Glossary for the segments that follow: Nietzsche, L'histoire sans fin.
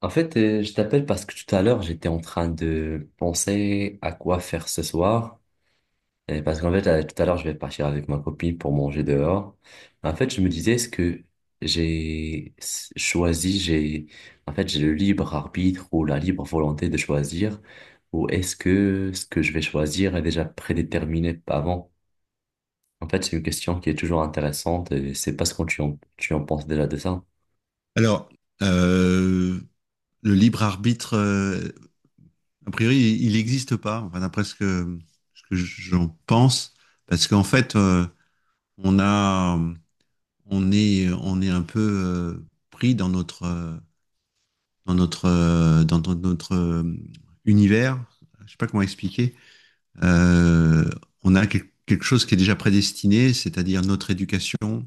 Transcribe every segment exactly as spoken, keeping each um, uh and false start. En fait, euh, je t'appelle parce que tout à l'heure, j'étais en train de penser à quoi faire ce soir. Et parce qu'en fait, euh, tout à l'heure, je vais partir avec ma copine pour manger dehors. En fait, je me disais, est-ce que j'ai s- choisi, j'ai, en fait, j'ai le libre arbitre ou la libre volonté de choisir, ou est-ce que ce que je vais choisir est déjà prédéterminé avant? En fait, c'est une question qui est toujours intéressante et c'est pas ce que tu en, tu en penses déjà de ça. Alors, euh, le libre arbitre, euh, a priori, il n'existe pas, enfin, d'après ce que, ce que j'en pense, parce qu'en fait, euh, on a, on est, on est un peu euh, pris dans notre, euh, dans notre, euh, dans notre notre, euh, univers. Je sais pas comment expliquer. Euh, on a quel- quelque chose qui est déjà prédestiné, c'est-à-dire notre éducation,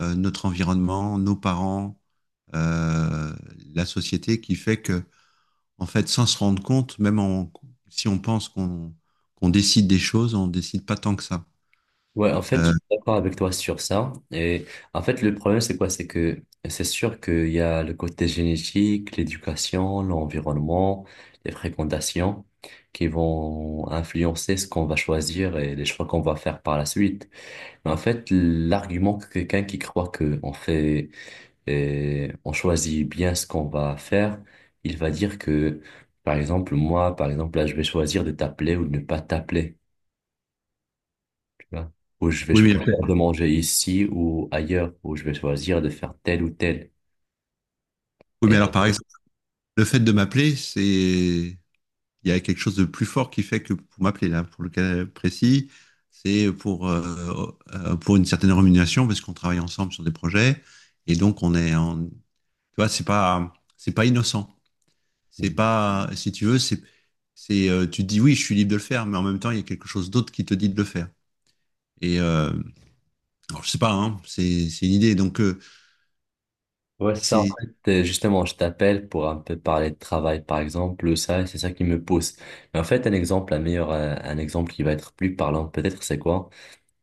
euh, notre environnement, nos parents, euh, la société, qui fait que en fait, sans se rendre compte, même en- si on pense qu'on qu'on décide des choses, on décide pas tant que ça. Ouais, en fait, Euh, je suis d'accord avec toi sur ça. Et en fait, le problème, c'est quoi? C'est que c'est sûr qu'il y a le côté génétique, l'éducation, l'environnement, les fréquentations qui vont influencer ce qu'on va choisir et les choix qu'on va faire par la suite. Mais en fait, l'argument que quelqu'un qui croit que on fait, et on choisit bien ce qu'on va faire, il va dire que, par exemple, moi, par exemple, là, je vais choisir de t'appeler ou de ne pas t'appeler, tu vois, où je vais oui, mais, choisir de manger ici ou ailleurs, où je vais choisir de faire tel ou tel. oui, mais Et, alors, par exemple, le fait de m'appeler, c'est, il y a quelque chose de plus fort qui fait que pour m'appeler, là, pour le cas précis, c'est pour, euh, euh, pour une certaine rémunération, parce qu'on travaille ensemble sur des projets, et donc on est en, tu vois, c'est pas, c'est pas innocent. C'est pas, si tu veux, c'est, c'est, euh, tu te dis oui, je suis libre de le faire, mais en même temps, il y a quelque chose d'autre qui te dit de le faire. Et, euh, Alors, je sais pas, hein, c'est c'est une idée. Donc, euh, ouais, c'est ça, en c'est fait, euh, justement, je t'appelle pour un peu parler de travail, par exemple, ça, c'est ça qui me pousse. Mais en fait, un exemple, un meilleur, euh, un exemple qui va être plus parlant, peut-être, c'est quoi?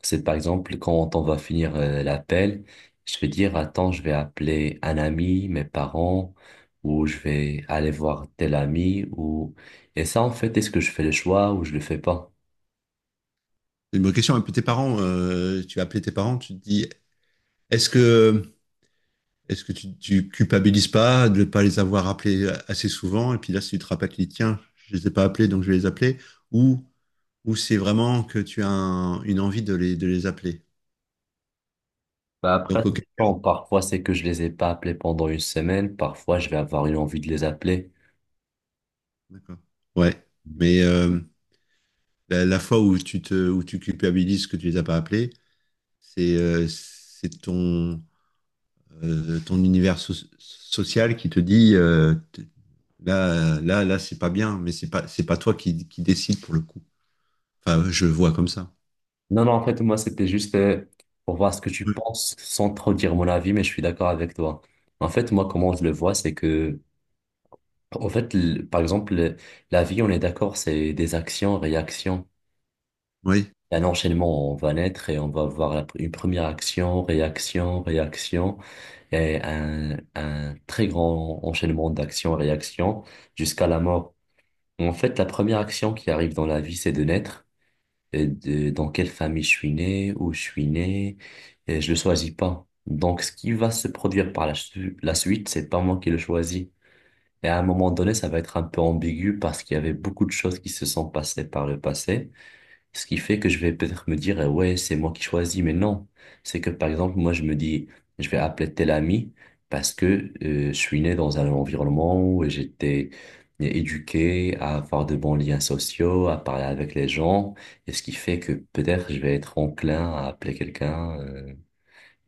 C'est par exemple, quand on va finir euh, l'appel, je vais dire, attends, je vais appeler un ami, mes parents, ou je vais aller voir tel ami, ou. Et ça, en fait, est-ce que je fais le choix ou je le fais pas? c'est une bonne question. Un peu tes parents, euh, tu as appelé tes parents, tu te dis, est-ce que est-ce que tu, tu culpabilises pas de ne pas les avoir appelés assez souvent? Et puis là, si tu te rappelles, tu dis, tiens, je les ai pas appelés, donc je vais les appeler. Ou ou c'est vraiment que tu as un- une envie de les de les appeler. Bah après, Donc, ça ok, dépend. Parfois, c'est que je les ai pas appelés pendant une semaine. Parfois, je vais avoir une envie de les appeler. d'accord. Ouais, mais euh, la, la fois où tu te où tu culpabilises que tu les as pas appelés, c'est euh, c'est ton euh, ton univers so- social qui te dit euh, t- là, là, là, c'est pas bien, mais c'est pas, c'est pas toi qui, qui décide pour le coup. Enfin, je le vois comme ça. Non, non, en fait, moi, c'était juste euh, pour voir ce que tu Oui. penses sans trop dire mon avis, mais je suis d'accord avec toi. En fait, moi, comment je le vois, c'est que, en fait, le- par exemple, le- la vie, on est d'accord, c'est des actions, réactions. Oui. Il y a un enchaînement, on va naître et on va avoir la pr- une première action, réaction, réaction, et un, un très grand enchaînement d'actions, réactions jusqu'à la mort. En fait, la première action qui arrive dans la vie, c'est de naître. Et de, dans quelle famille je suis né, où je suis né, et je le choisis pas. Donc, ce qui va se produire par la, su- la suite, c'est pas moi qui le choisis. Et à un moment donné, ça va être un peu ambigu parce qu'il y avait beaucoup de choses qui se sont passées par le passé. Ce qui fait que je vais peut-être me dire, euh, ouais, c'est moi qui choisis, mais non. C'est que, par exemple, moi, je me dis, je vais appeler tel ami parce que euh, je suis né dans un environnement où j'étais éduqué à avoir de bons liens sociaux, à parler avec les gens, et ce qui fait que peut-être je vais être enclin à appeler quelqu'un, euh,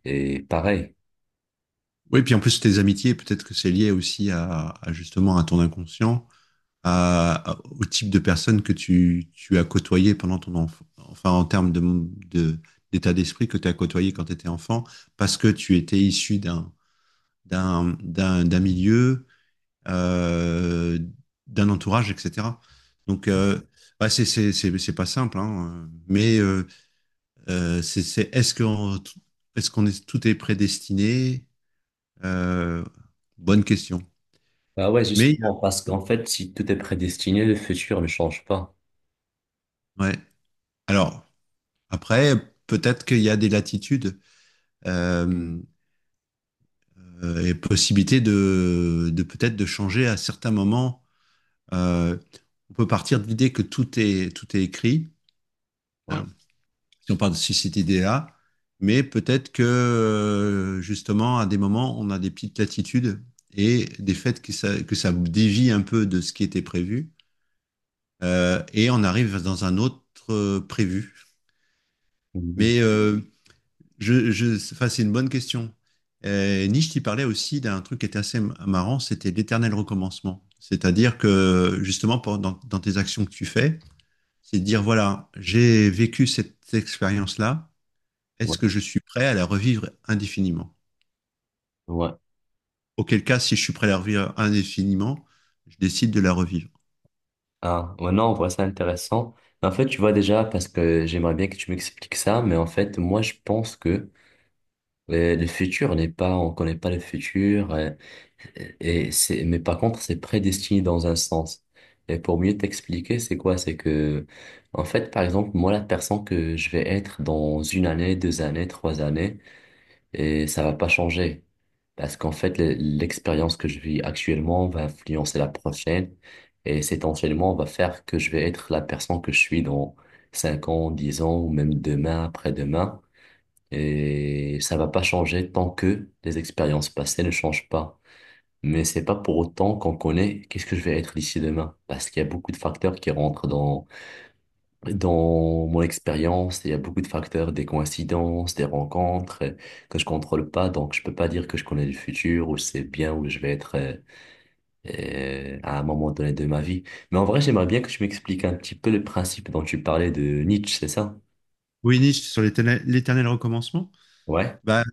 et pareil. Oui, puis en plus, tes amitiés, peut-être que c'est lié aussi à, à justement à ton inconscient, à, à- au type de personne que tu, tu as côtoyé pendant ton enfant, enfin, en termes de, de- d'état d'esprit que tu as côtoyé quand tu étais enfant, parce que tu étais issu d'un, d'un, d'un, d'un milieu euh, d'un entourage, et cetera. Donc, euh, bah, c'est c'est- c'est- c'est pas simple, hein, euh, mais euh, euh, c'est, c'est- est-ce qu'on est-ce qu'on est, tout est prédestiné? Euh, bonne question. Bah ouais, Mais, justement, parce qu'en fait, si tout est prédestiné, le futur ne change pas. ouais. Alors, après, peut-être qu'il y a des latitudes euh, euh, et possibilités de, de peut-être de changer à certains moments. Euh, on peut partir de l'idée que tout est, tout est écrit, Ouais. hein. Si on parle de société D A, mais peut-être que euh, justement, à des moments, on a des petites latitudes et des faits que ça, que ça dévie un peu de ce qui était prévu, euh, et on arrive dans un autre euh, prévu. Mhm. Mais euh, je, je, enfin, c'est une bonne question. Et Nietzsche, il parlait aussi d'un truc qui était assez marrant, c'était l'éternel recommencement. C'est-à-dire que justement, pour, dans, dans, tes actions que tu fais, c'est de dire, voilà, j'ai vécu cette expérience-là. Est-ce Ouais, que je suis prêt à la revivre indéfiniment? ouais. Auquel cas, si je suis prêt à la revivre indéfiniment, je décide de la revivre. Ah, ouais, non, on voit ça intéressant. En fait, tu vois déjà, parce que j'aimerais bien que tu m'expliques ça, mais en fait, moi, je pense que euh, le futur n'est pas, on connaît pas le futur, euh, et c'est, mais par contre, c'est prédestiné dans un sens. Et pour mieux t'expliquer, c'est quoi? C'est que, en fait, par exemple, moi, la personne que je vais être dans une année, deux années, trois années, et ça va pas changer. Parce qu'en fait, le- l'expérience que je vis actuellement va influencer la prochaine et cet enchaînement va faire que je vais être la personne que je suis dans cinq ans, dix ans ou même demain, après-demain. Et ça va pas changer tant que les expériences passées ne changent pas. Mais c'est pas pour autant qu'on connaît qu'est-ce que je vais être d'ici demain. Parce qu'il y a beaucoup de facteurs qui rentrent dans mon expérience, il y a beaucoup de facteurs, des coïncidences, des rencontres, euh, que je contrôle pas, donc je peux pas dire que je connais le futur ou je sais bien où je vais être, euh, euh, à un moment donné de ma vie. Mais en vrai, j'aimerais bien que tu m'expliques un petit peu le principe dont tu parlais de Nietzsche, c'est ça? Oui, Nietzsche, sur l'éternel l'éternel recommencement. Ouais, Bah,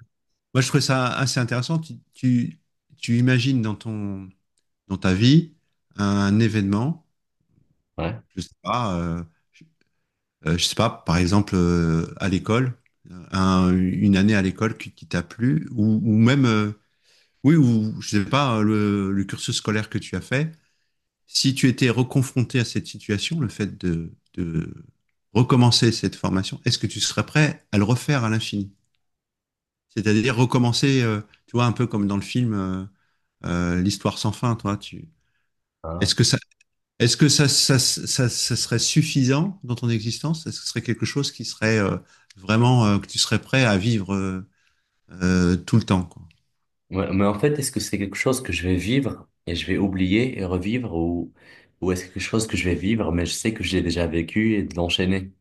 moi, je trouvais ça assez intéressant. Tu, tu, tu imagines dans ton, dans ta vie un événement, ouais. je sais pas, euh, euh, je sais pas, par exemple, euh, à l'école, euh, un- une année à l'école qui, qui t'a plu, ou, ou même, euh, oui, ou je sais pas, euh, le, le cursus scolaire que tu as fait, si tu étais reconfronté à cette situation, le fait de, de recommencer cette formation, est-ce que tu serais prêt à le refaire à l'infini? C'est-à-dire recommencer, euh, tu vois, un peu comme dans le film euh, euh, L'histoire sans fin, toi, tu, Ah. est-ce que ça est-ce que ça, ça, ça, ça serait suffisant dans ton existence? Est-ce que ce serait quelque chose qui serait euh, vraiment euh, que tu serais prêt à vivre euh, euh, tout le temps, quoi. Ouais, mais en fait, est-ce que c'est quelque chose que je vais vivre et je vais oublier et revivre ou, ou est-ce quelque chose que je vais vivre mais je sais que j'ai déjà vécu et de l'enchaîner?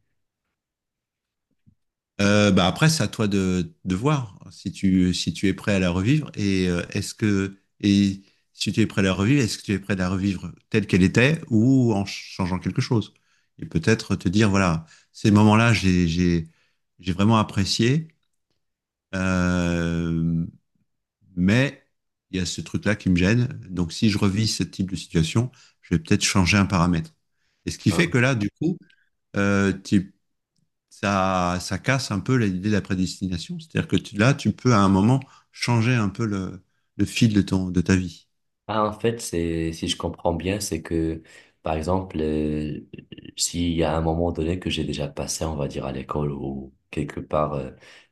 Euh, bah après, c'est à toi de, de voir si tu, si tu es prêt à la revivre et euh, est-ce que et si tu es prêt à la revivre, est-ce que tu es prêt à la revivre telle qu'elle était ou en changeant quelque chose? Et peut-être te dire, voilà, ces moments-là, j'ai, j'ai, j'ai vraiment apprécié. Euh, Mais il y a ce truc-là qui me gêne. Donc, si je revis ce type de situation, je vais peut-être changer un paramètre. Et ce qui fait que là, du coup, euh, tu- ça, ça casse un peu l'idée de la prédestination. C'est-à-dire que tu- là, tu peux à un moment changer un peu le, le fil de ton, de ta vie. Ah, en fait, c'est, si je comprends bien, c'est que, par exemple, euh, s'il y a un moment donné que j'ai déjà passé, on va dire à l'école ou quelque part, euh,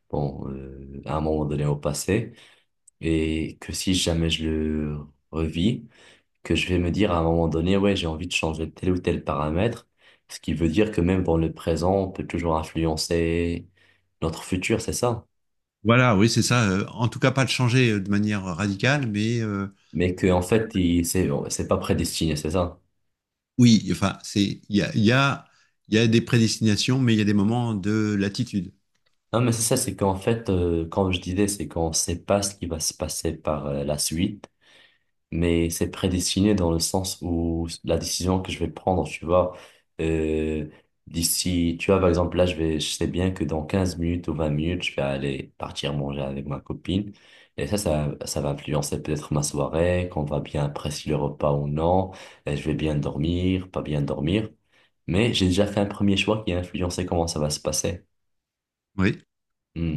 bon, euh, à un moment donné au passé, et que si jamais je le revis, que je vais me dire à un moment donné, ouais, j'ai envie de changer tel ou tel paramètre, ce qui veut dire que même dans le présent, on peut toujours influencer notre futur, c'est ça? Voilà, oui, c'est ça. Euh, En tout cas, pas de changer euh, de manière radicale, mais euh, Mais que, en fait, il- c'est, c'est, pas prédestiné, c'est ça? oui, enfin, c'est, il y a, il y a, il y a des prédestinations, mais il y a des moments de latitude. Non, mais c'est ça, c'est qu'en fait, euh, comme je disais, c'est qu'on ne sait pas ce qui va se passer par euh, la suite, mais c'est prédestiné dans le sens où la décision que je vais prendre, tu vois, euh, d'ici, tu vois, par exemple, là, je vais, je sais bien que dans quinze minutes ou vingt minutes, je vais aller partir manger avec ma copine, et ça, ça, ça va influencer peut-être ma soirée, qu'on va bien apprécier le repas ou non, et je vais bien dormir, pas bien dormir, mais j'ai déjà fait un premier choix qui a influencé comment ça va se passer. Oui,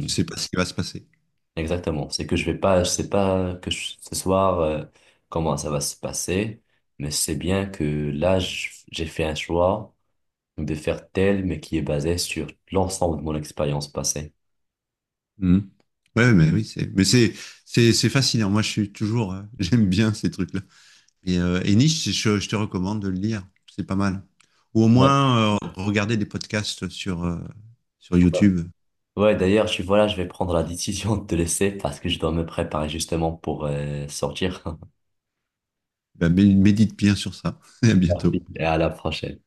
tu sais pas ce qui va se passer. Exactement. C'est que je vais pas, je sais pas que je- ce soir, euh, comment ça va se passer, mais c'est bien que là, je- j'ai fait un choix de faire tel, mais qui est basé sur l'ensemble de mon expérience passée. Mhm. Ouais, mais oui, c'est, mais c'est, c'est, c'est fascinant. Moi, je suis toujours, euh, j'aime bien ces trucs-là. Et, euh, et Nietzsche, je, je te recommande de le lire. C'est pas mal. Ou au Ouais. moins, euh, regarder des podcasts sur, euh, sur Ouais, YouTube. Ouais, d'ailleurs, je suis, voilà, je vais prendre la décision de te laisser parce que je dois me préparer justement pour euh, sortir. Ben, mé- médite bien sur ça. Et à bientôt. Et à la prochaine.